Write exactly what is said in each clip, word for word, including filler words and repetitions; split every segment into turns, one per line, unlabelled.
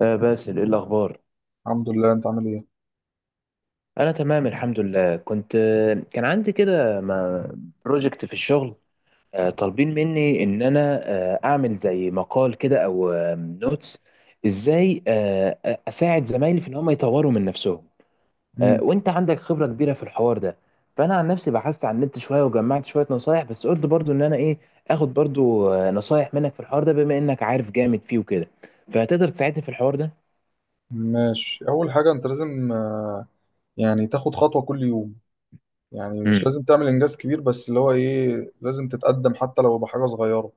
آه، باسل، ايه الاخبار؟
الحمد لله، انت عامل ايه؟
انا تمام الحمد لله. كنت آه، كان عندي كده بروجكت في الشغل. آه، طالبين مني ان انا آه، اعمل زي مقال كده او نوتس. ازاي آه، اساعد زمايلي في ان هم يطوروا من نفسهم. آه،
امم
وانت عندك خبرة كبيرة في الحوار ده. فانا عن نفسي بحثت عن النت شوية، وجمعت شوية نصايح، بس قلت برضو ان انا ايه، اخد برضو آه، نصايح منك في الحوار ده، بما انك عارف جامد فيه وكده. فهتقدر تساعدني في الحوار ده؟
ماشي، اول حاجه انت لازم آه، يعني تاخد خطوه كل يوم. يعني مش
امم.
لازم تعمل انجاز كبير، بس اللي هو ايه لازم تتقدم حتى لو بحاجه صغيره.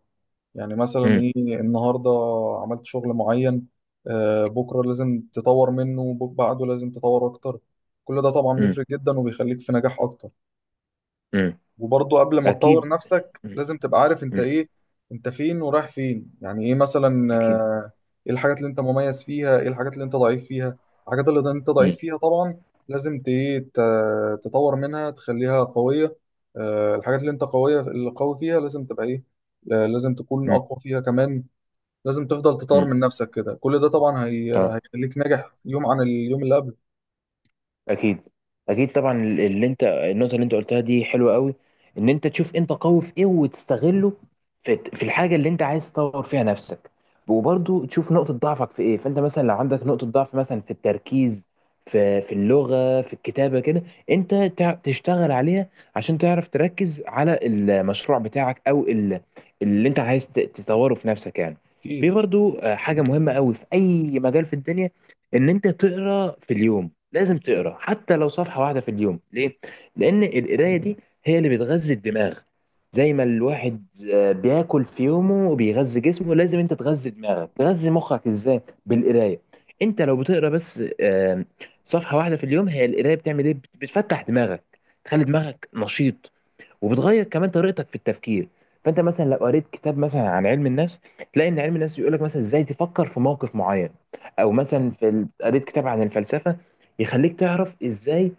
يعني مثلا ايه؟ النهارده عملت شغل معين، آه، بكره لازم تطور منه، وبعده لازم تطور اكتر. كل ده طبعا
امم.
بيفرق جدا وبيخليك في نجاح اكتر.
امم.
وبرضه قبل ما تطور
اكيد.
نفسك
مم.
لازم تبقى عارف انت
مم.
ايه، انت فين ورايح فين. يعني ايه مثلا؟
أكيد.
آه، ايه الحاجات اللي انت مميز فيها، ايه الحاجات اللي انت ضعيف فيها. الحاجات اللي انت ضعيف
مم.
فيها طبعا لازم ت- ايه ت- تطور منها، تخليها قوية. آه، الحاجات اللي انت قوية، اللي قوي فيها لازم تبقى ايه؟ آه، لازم تكون
مم.
اقوى فيها كمان. لازم تفضل تطور
مم.
من نفسك، كده كل ده طبعا هي...
اه.
هيخليك ناجح يوم عن اليوم اللي قبله.
اكيد. اكيد طبعا. اللي انت النقطه اللي انت قلتها دي حلوه قوي. ان انت تشوف انت قوي في ايه وتستغله في في الحاجه اللي انت عايز تطور فيها نفسك. وبرضو تشوف نقطه ضعفك في ايه. فانت مثلا لو عندك نقطه ضعف، مثلا في التركيز، في في اللغه، في الكتابه كده، انت تع- تشتغل عليها عشان تعرف تركز على المشروع بتاعك، او ال- اللي انت عايز ت- تطوره في نفسك يعني. في
اكيد،
برضو آه، حاجه مهمه قوي في اي مجال في الدنيا، ان انت تقرا في اليوم. لازم تقرا حتى لو صفحه واحده في اليوم. ليه؟ لان القرايه دي هي اللي بتغذي الدماغ. زي ما الواحد آه، بياكل في يومه وبيغذي جسمه، لازم انت تغذي دماغك، تغذي مخك. ازاي؟ بالقرايه. انت لو بتقرا بس آه، صفحه واحده في اليوم، هي القرايه بتعمل ايه؟ بت- بتفتح دماغك، تخلي دماغك نشيط، وبتغير كمان طريقتك في التفكير. فانت مثلا لو قريت كتاب مثلا عن علم النفس، تلاقي ان علم النفس بيقول لك مثلا ازاي تفكر في موقف معين. او مثلا في ال- قريت كتاب عن الفلسفه، يخليك تعرف ازاي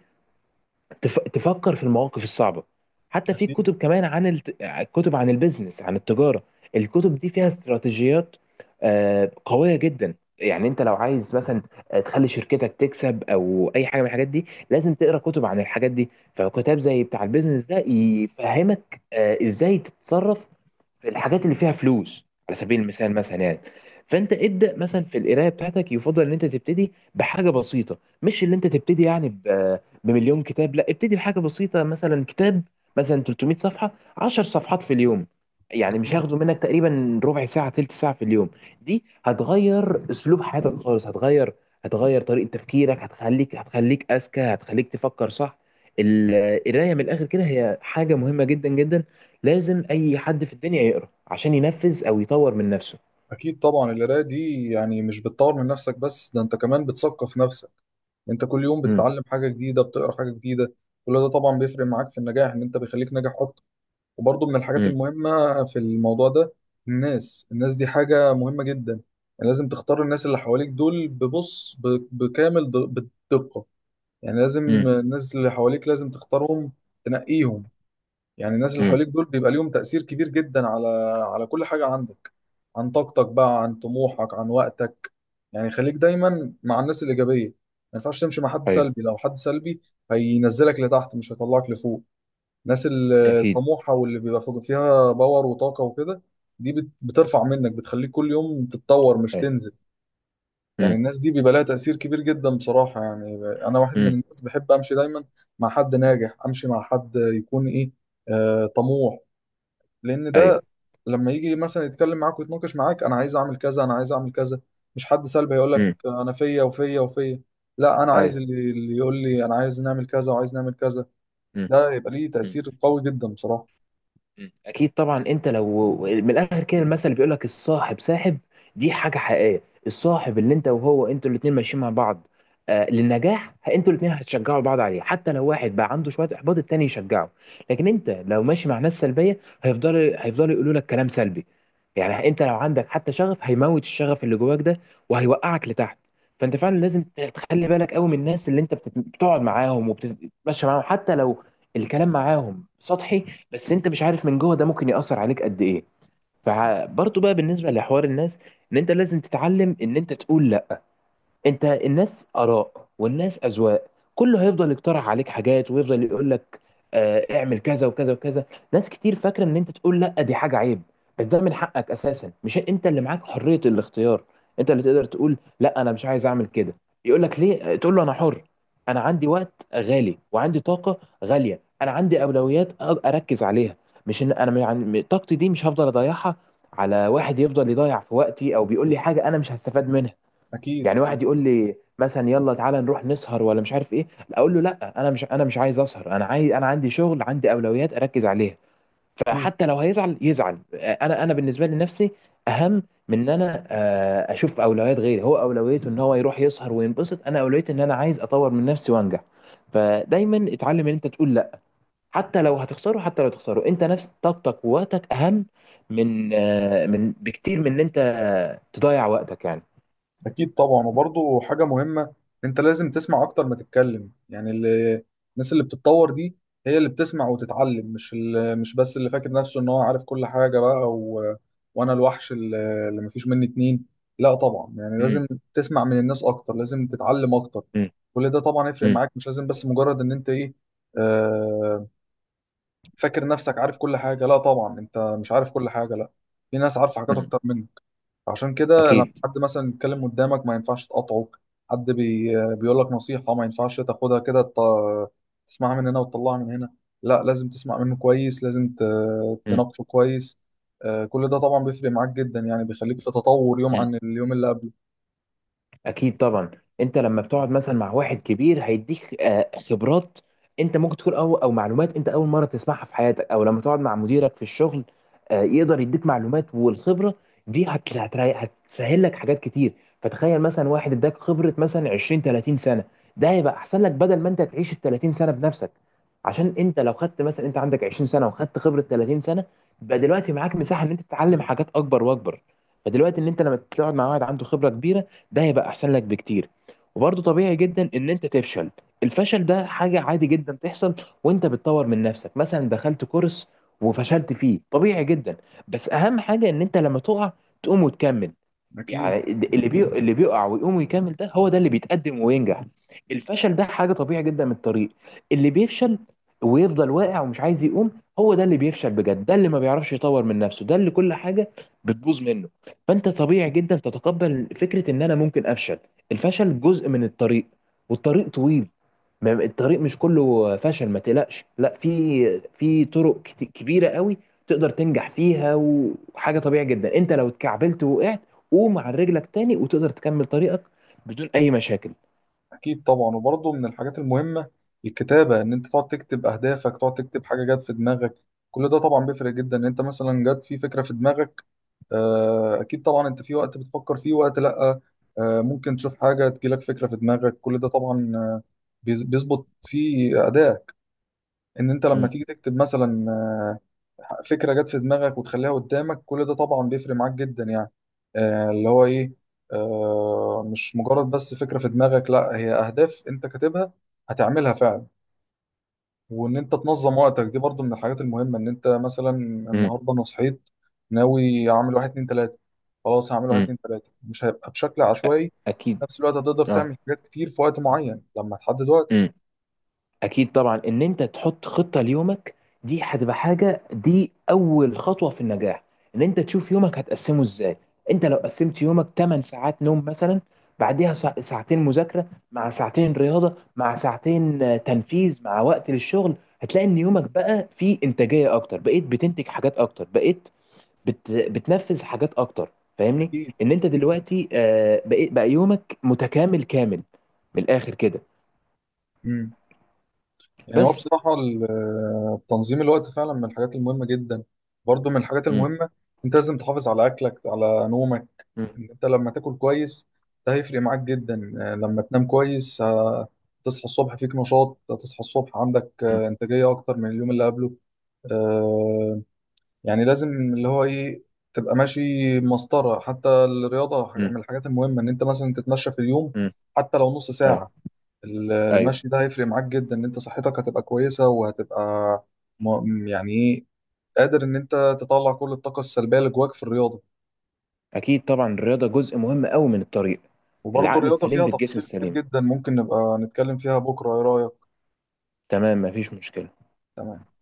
تف... تفكر في المواقف الصعبة. حتى في
اكيد،
كتب كمان عن الت... كتب عن البيزنس، عن التجارة. الكتب دي فيها استراتيجيات آه، قوية جدا. يعني انت لو عايز مثلا آه، تخلي شركتك تكسب او اي حاجة من الحاجات دي، لازم تقرا كتب عن الحاجات دي. فكتاب زي بتاع البيزنس ده يفهمك آه، ازاي تتصرف في الحاجات اللي فيها فلوس، على سبيل المثال مثلا يعني. فانت ابدا مثلا في القرايه بتاعتك، يفضل ان انت تبتدي بحاجه بسيطه، مش اللي انت تبتدي يعني ب- بمليون كتاب، لا. ابتدي بحاجه بسيطه، مثلا كتاب مثلا تلت مية صفحه، عشر صفحات في اليوم. يعني مش
أكيد.
هياخدوا منك تقريبا ربع ساعه، تلت ساعه في اليوم. دي هتغير اسلوب حياتك خالص، هتغير هتغير طريقه تفكيرك، هتخليك هتخليك اذكى، هتخليك تفكر صح. القرايه من الاخر كده هي حاجه مهمه جدا جدا. لازم اي حد في الدنيا يقرا، عشان ينفذ او يطور من نفسه.
أكيد طبعا، القراية دي يعني مش بتطور من نفسك بس، ده أنت كمان بتثقف نفسك. أنت كل يوم
امم.
بتتعلم حاجة جديدة، بتقرا حاجة جديدة. كل ده طبعا بيفرق معاك في النجاح، إن أنت بيخليك ناجح أكتر. وبرضه من الحاجات
امم.
المهمة في الموضوع ده، الناس الناس دي حاجة مهمة جدا. يعني لازم تختار الناس اللي حواليك دول، ببص ب- بكامل د- بالدقة. يعني لازم
امم.
الناس اللي حواليك لازم تختارهم، تنقيهم. يعني الناس اللي
امم.
حواليك دول بيبقى ليهم تأثير كبير جدا على، على كل حاجة عندك. عن طاقتك بقى، عن طموحك، عن وقتك. يعني خليك دايما مع الناس الإيجابية. ما ينفعش تمشي مع حد
ايوه.
سلبي، لو حد سلبي هينزلك لتحت مش هيطلعك لفوق. الناس ال-
اكيد.
الطموحة واللي بيبقى فوق- فيها باور وطاقة وكده، دي بت- بترفع منك، بتخليك كل يوم تتطور مش
ايوه.
تنزل. يعني
امم.
الناس دي بيبقى لها تأثير كبير جدا بصراحة يعني. أنا واحد من
امم.
الناس بحب أمشي دايما مع حد ناجح، أمشي مع حد يكون إيه؟ آه، طموح. لان
ايوه.
ده لما يجي مثلا يتكلم معاك ويتناقش معاك، انا عايز اعمل كذا، انا عايز اعمل كذا. مش حد سلبي هيقول لك
امم.
انا فيا وفيا وفيا. لا، انا عايز
ايوه.
اللي, اللي يقول لي انا عايز نعمل كذا وعايز نعمل كذا.
امم.
ده يبقى ليه تأثير قوي جدا بصراحة.
مم. اكيد طبعا. انت لو من الاخر كده، المثل بيقول لك: الصاحب ساحب. دي حاجه حقيقيه. الصاحب اللي انت وهو انتوا الاثنين ماشيين مع بعض آه للنجاح، انتوا الاثنين هتشجعوا بعض عليه. حتى لو واحد بقى عنده شويه احباط، التاني يشجعه. لكن انت لو ماشي مع ناس سلبيه، هيفضلوا هيفضلوا يقولوا لك كلام سلبي. يعني انت لو عندك حتى شغف، هيموت الشغف اللي جواك ده، وهيوقعك لتحت. فانت فعلا لازم تخلي بالك قوي من الناس اللي انت بتت- بتقعد معاهم وبتتمشى معاهم، حتى لو الكلام معاهم سطحي. بس انت مش عارف من جوه، ده ممكن يأثر عليك قد ايه. فبرضه بقى بالنسبة لحوار الناس، ان انت لازم تتعلم ان انت تقول لا. انت الناس اراء، والناس اذواق. كله هيفضل يقترح عليك حاجات، ويفضل يقول لك آه اعمل كذا وكذا وكذا. ناس كتير فاكره ان انت تقول لا دي حاجه عيب، بس ده من حقك اساسا. مش انت اللي معاك حريه الاختيار؟ انت اللي تقدر تقول لا، انا مش عايز اعمل كده. يقول لك ليه، آه، تقول له انا حر. انا عندي وقت غالي، وعندي طاقه غاليه. انا عندي اولويات أ- اركز عليها. مش ان انا يعني طاقتي دي مش هفضل اضيعها على واحد يفضل يضيع في وقتي، او بيقول لي حاجه انا مش هستفاد منها.
اكيد،
يعني
اكيد،
واحد يقول لي مثلا يلا تعالى نروح نسهر، ولا مش عارف ايه. اقول له لا، انا مش انا مش عايز اسهر. انا عايز انا عندي شغل، عندي اولويات اركز عليها.
اكيد.
فحتى لو هيزعل يزعل، انا انا بالنسبه لي نفسي اهم من ان انا آه، اشوف اولويات غيري. هو اولويته ان هو يروح يسهر وينبسط، انا اولويتي ان انا عايز اطور من نفسي وانجح. فدايما اتعلم ان انت تقول لا. حتى لو هتخسره، حتى لو تخسره، انت نفس طاقتك ووقتك اهم من آه، من بكتير من ان انت تضيع وقتك يعني.
أكيد طبعا، وبرضه حاجة مهمة، أنت لازم تسمع أكتر ما تتكلم. يعني اللي، الناس اللي بتتطور دي هي اللي بتسمع وتتعلم، مش ال... مش بس اللي فاكر نفسه إن هو عارف كل حاجة بقى و... وأنا الوحش اللي اللي مفيش مني اتنين. لا طبعا، يعني لازم تسمع من الناس أكتر، لازم تتعلم أكتر. كل ده طبعا يفرق
امم.
معاك، مش لازم بس مجرد إن أنت إيه، آه... فاكر نفسك عارف كل حاجة. لا طبعا، أنت مش عارف كل حاجة، لا، في ناس عارفة حاجات
مم.
أكتر منك. عشان كده لما
اكيد.
حد مثلا يتكلم قدامك ما ينفعش تقاطعه. حد بي بيقول لك نصيحة ما ينفعش تاخدها كده ت- تسمعها من هنا وتطلعها من هنا. لا، لازم تسمع منه كويس، لازم ت-
مم.
تناقشه كويس. آه، كل ده طبعا بيفرق معاك جدا يعني، بيخليك في تطور يوم
مم.
عن اليوم اللي قبله.
اكيد طبعا. انت لما بتقعد مثلا مع واحد كبير، هيديك آه، خبرات انت ممكن تكون، او او معلومات انت اول مره تسمعها في حياتك. او لما تقعد مع مديرك في الشغل، آه، يقدر يديك معلومات، والخبره دي هت- هتريح، هتسهل لك حاجات كتير. فتخيل مثلا واحد اداك خبره مثلا عشرين تلاتين سنه. ده هيبقى احسن لك، بدل ما انت تعيش ال تلاتين سنه بنفسك. عشان انت لو خدت مثلا، انت عندك عشرين سنه وخدت خبره تلاتين سنه، يبقى دلوقتي معاك مساحه ان انت تتعلم حاجات اكبر واكبر. فدلوقتي ان انت لما تقعد مع واحد عنده خبره كبيره، ده هيبقى احسن لك بكتير. وبرضه طبيعي جدا ان انت تفشل. الفشل ده حاجة عادي جدا تحصل وانت بتطور من نفسك. مثلا دخلت كورس وفشلت فيه، طبيعي جدا. بس اهم حاجة ان انت لما تقع، تقوم وتكمل.
أكيد.
يعني اللي بي... اللي بيقع ويقوم ويكمل، ده هو ده اللي بيتقدم وينجح. الفشل ده حاجة طبيعي جدا من الطريق. اللي بيفشل ويفضل واقع ومش عايز يقوم، هو ده اللي بيفشل بجد، ده اللي ما بيعرفش يطور من نفسه، ده اللي كل حاجة بتبوظ منه. فأنت طبيعي جدا تتقبل فكرة إن أنا ممكن أفشل. الفشل جزء من الطريق، والطريق طويل. ما- الطريق مش كله فشل، ما تقلقش. لا، في في طرق كت- كبيره قوي تقدر تنجح فيها. وحاجه طبيعي جدا، انت لو اتكعبلت ووقعت، قوم على رجلك تاني وتقدر تكمل طريقك بدون اي مشاكل.
أكيد طبعا، وبرضه من الحاجات المهمة الكتابة. إن أنت تقعد تكتب أهدافك، تقعد تكتب حاجة جت في دماغك. كل ده طبعا بيفرق جدا. إن أنت مثلا جت في فكرة في دماغك، آه، أكيد طبعا، أنت في وقت بتفكر فيه، وقت لأ. آه، ممكن تشوف حاجة تجيلك فكرة في دماغك. كل ده طبعا آه، بيز- بيظبط في أدائك. إن أنت لما
مم.
تيجي تكتب مثلا آه، فكره جت في دماغك وتخليها قدامك، كل ده طبعا بيفرق معاك جدا يعني. آه، اللي هو ايه، آه، مش مجرد بس فكره في دماغك، لا هي اهداف انت كاتبها هتعملها فعلا. وان انت تنظم وقتك دي برضو من الحاجات المهمه. ان انت مثلا
مم.
النهارده انا صحيت ناوي اعمل واحد اتنين تلاته، خلاص هعمل واحد
مم.
اتنين تلاته، مش هيبقى بشكل عشوائي. وفي
اكيد.
نفس الوقت هتقدر
اه.
تعمل حاجات كتير في وقت معين لما تحدد وقت.
مم. اكيد طبعا. ان انت تحط خطه ليومك، دي هتبقى حاجه دي اول خطوه في النجاح. ان انت تشوف يومك هتقسمه ازاي. انت لو قسمت يومك تمن ساعات نوم مثلا، بعديها سا- ساعتين مذاكره، مع ساعتين رياضه، مع ساعتين آه، تنفيذ، مع وقت للشغل، هتلاقي ان يومك بقى فيه انتاجيه اكتر. بقيت بتنتج حاجات اكتر، بقيت بت... بتنفذ حاجات اكتر، فاهمني؟
اكيد.
ان انت دلوقتي آه، بقيت بقى يومك متكامل كامل من الاخر كده.
مم. يعني هو
بس.
بصراحة ال- تنظيم الوقت فعلا من الحاجات المهمة جدا. برضو من الحاجات
مم.
المهمة، انت لازم تحافظ على اكلك، على نومك. ان انت لما تاكل كويس ده هيفرق معاك جدا. آه، لما تنام كويس آه، تصحى الصبح فيك نشاط، تصحى الصبح عندك
مم.
آه، انتاجية اكتر من اليوم اللي قبله. آه، يعني لازم اللي هو ايه، تبقى ماشي مسطرة. حتى الرياضة حاجة-
امم.
من الحاجات المهمة، ان انت مثلا تتمشى في اليوم
امم.
حتى لو نص
ايوه.
ساعة ال-
ايوه.
المشي ده هيفرق معاك جدا، ان انت صحتك هتبقى كويسة، وهتبقى م- يعني ايه، قادر ان انت تطلع كل الطاقة السلبية اللي جواك في الرياضة.
اكيد طبعا. الرياضه جزء مهم قوي من الطريق.
وبرضه
العقل
الرياضة
السليم
فيها
في الجسم
تفاصيل كتير
السليم.
جدا، ممكن نبقى نتكلم فيها بكرة، ايه رأيك؟
تمام، مفيش مشكله.
تمام.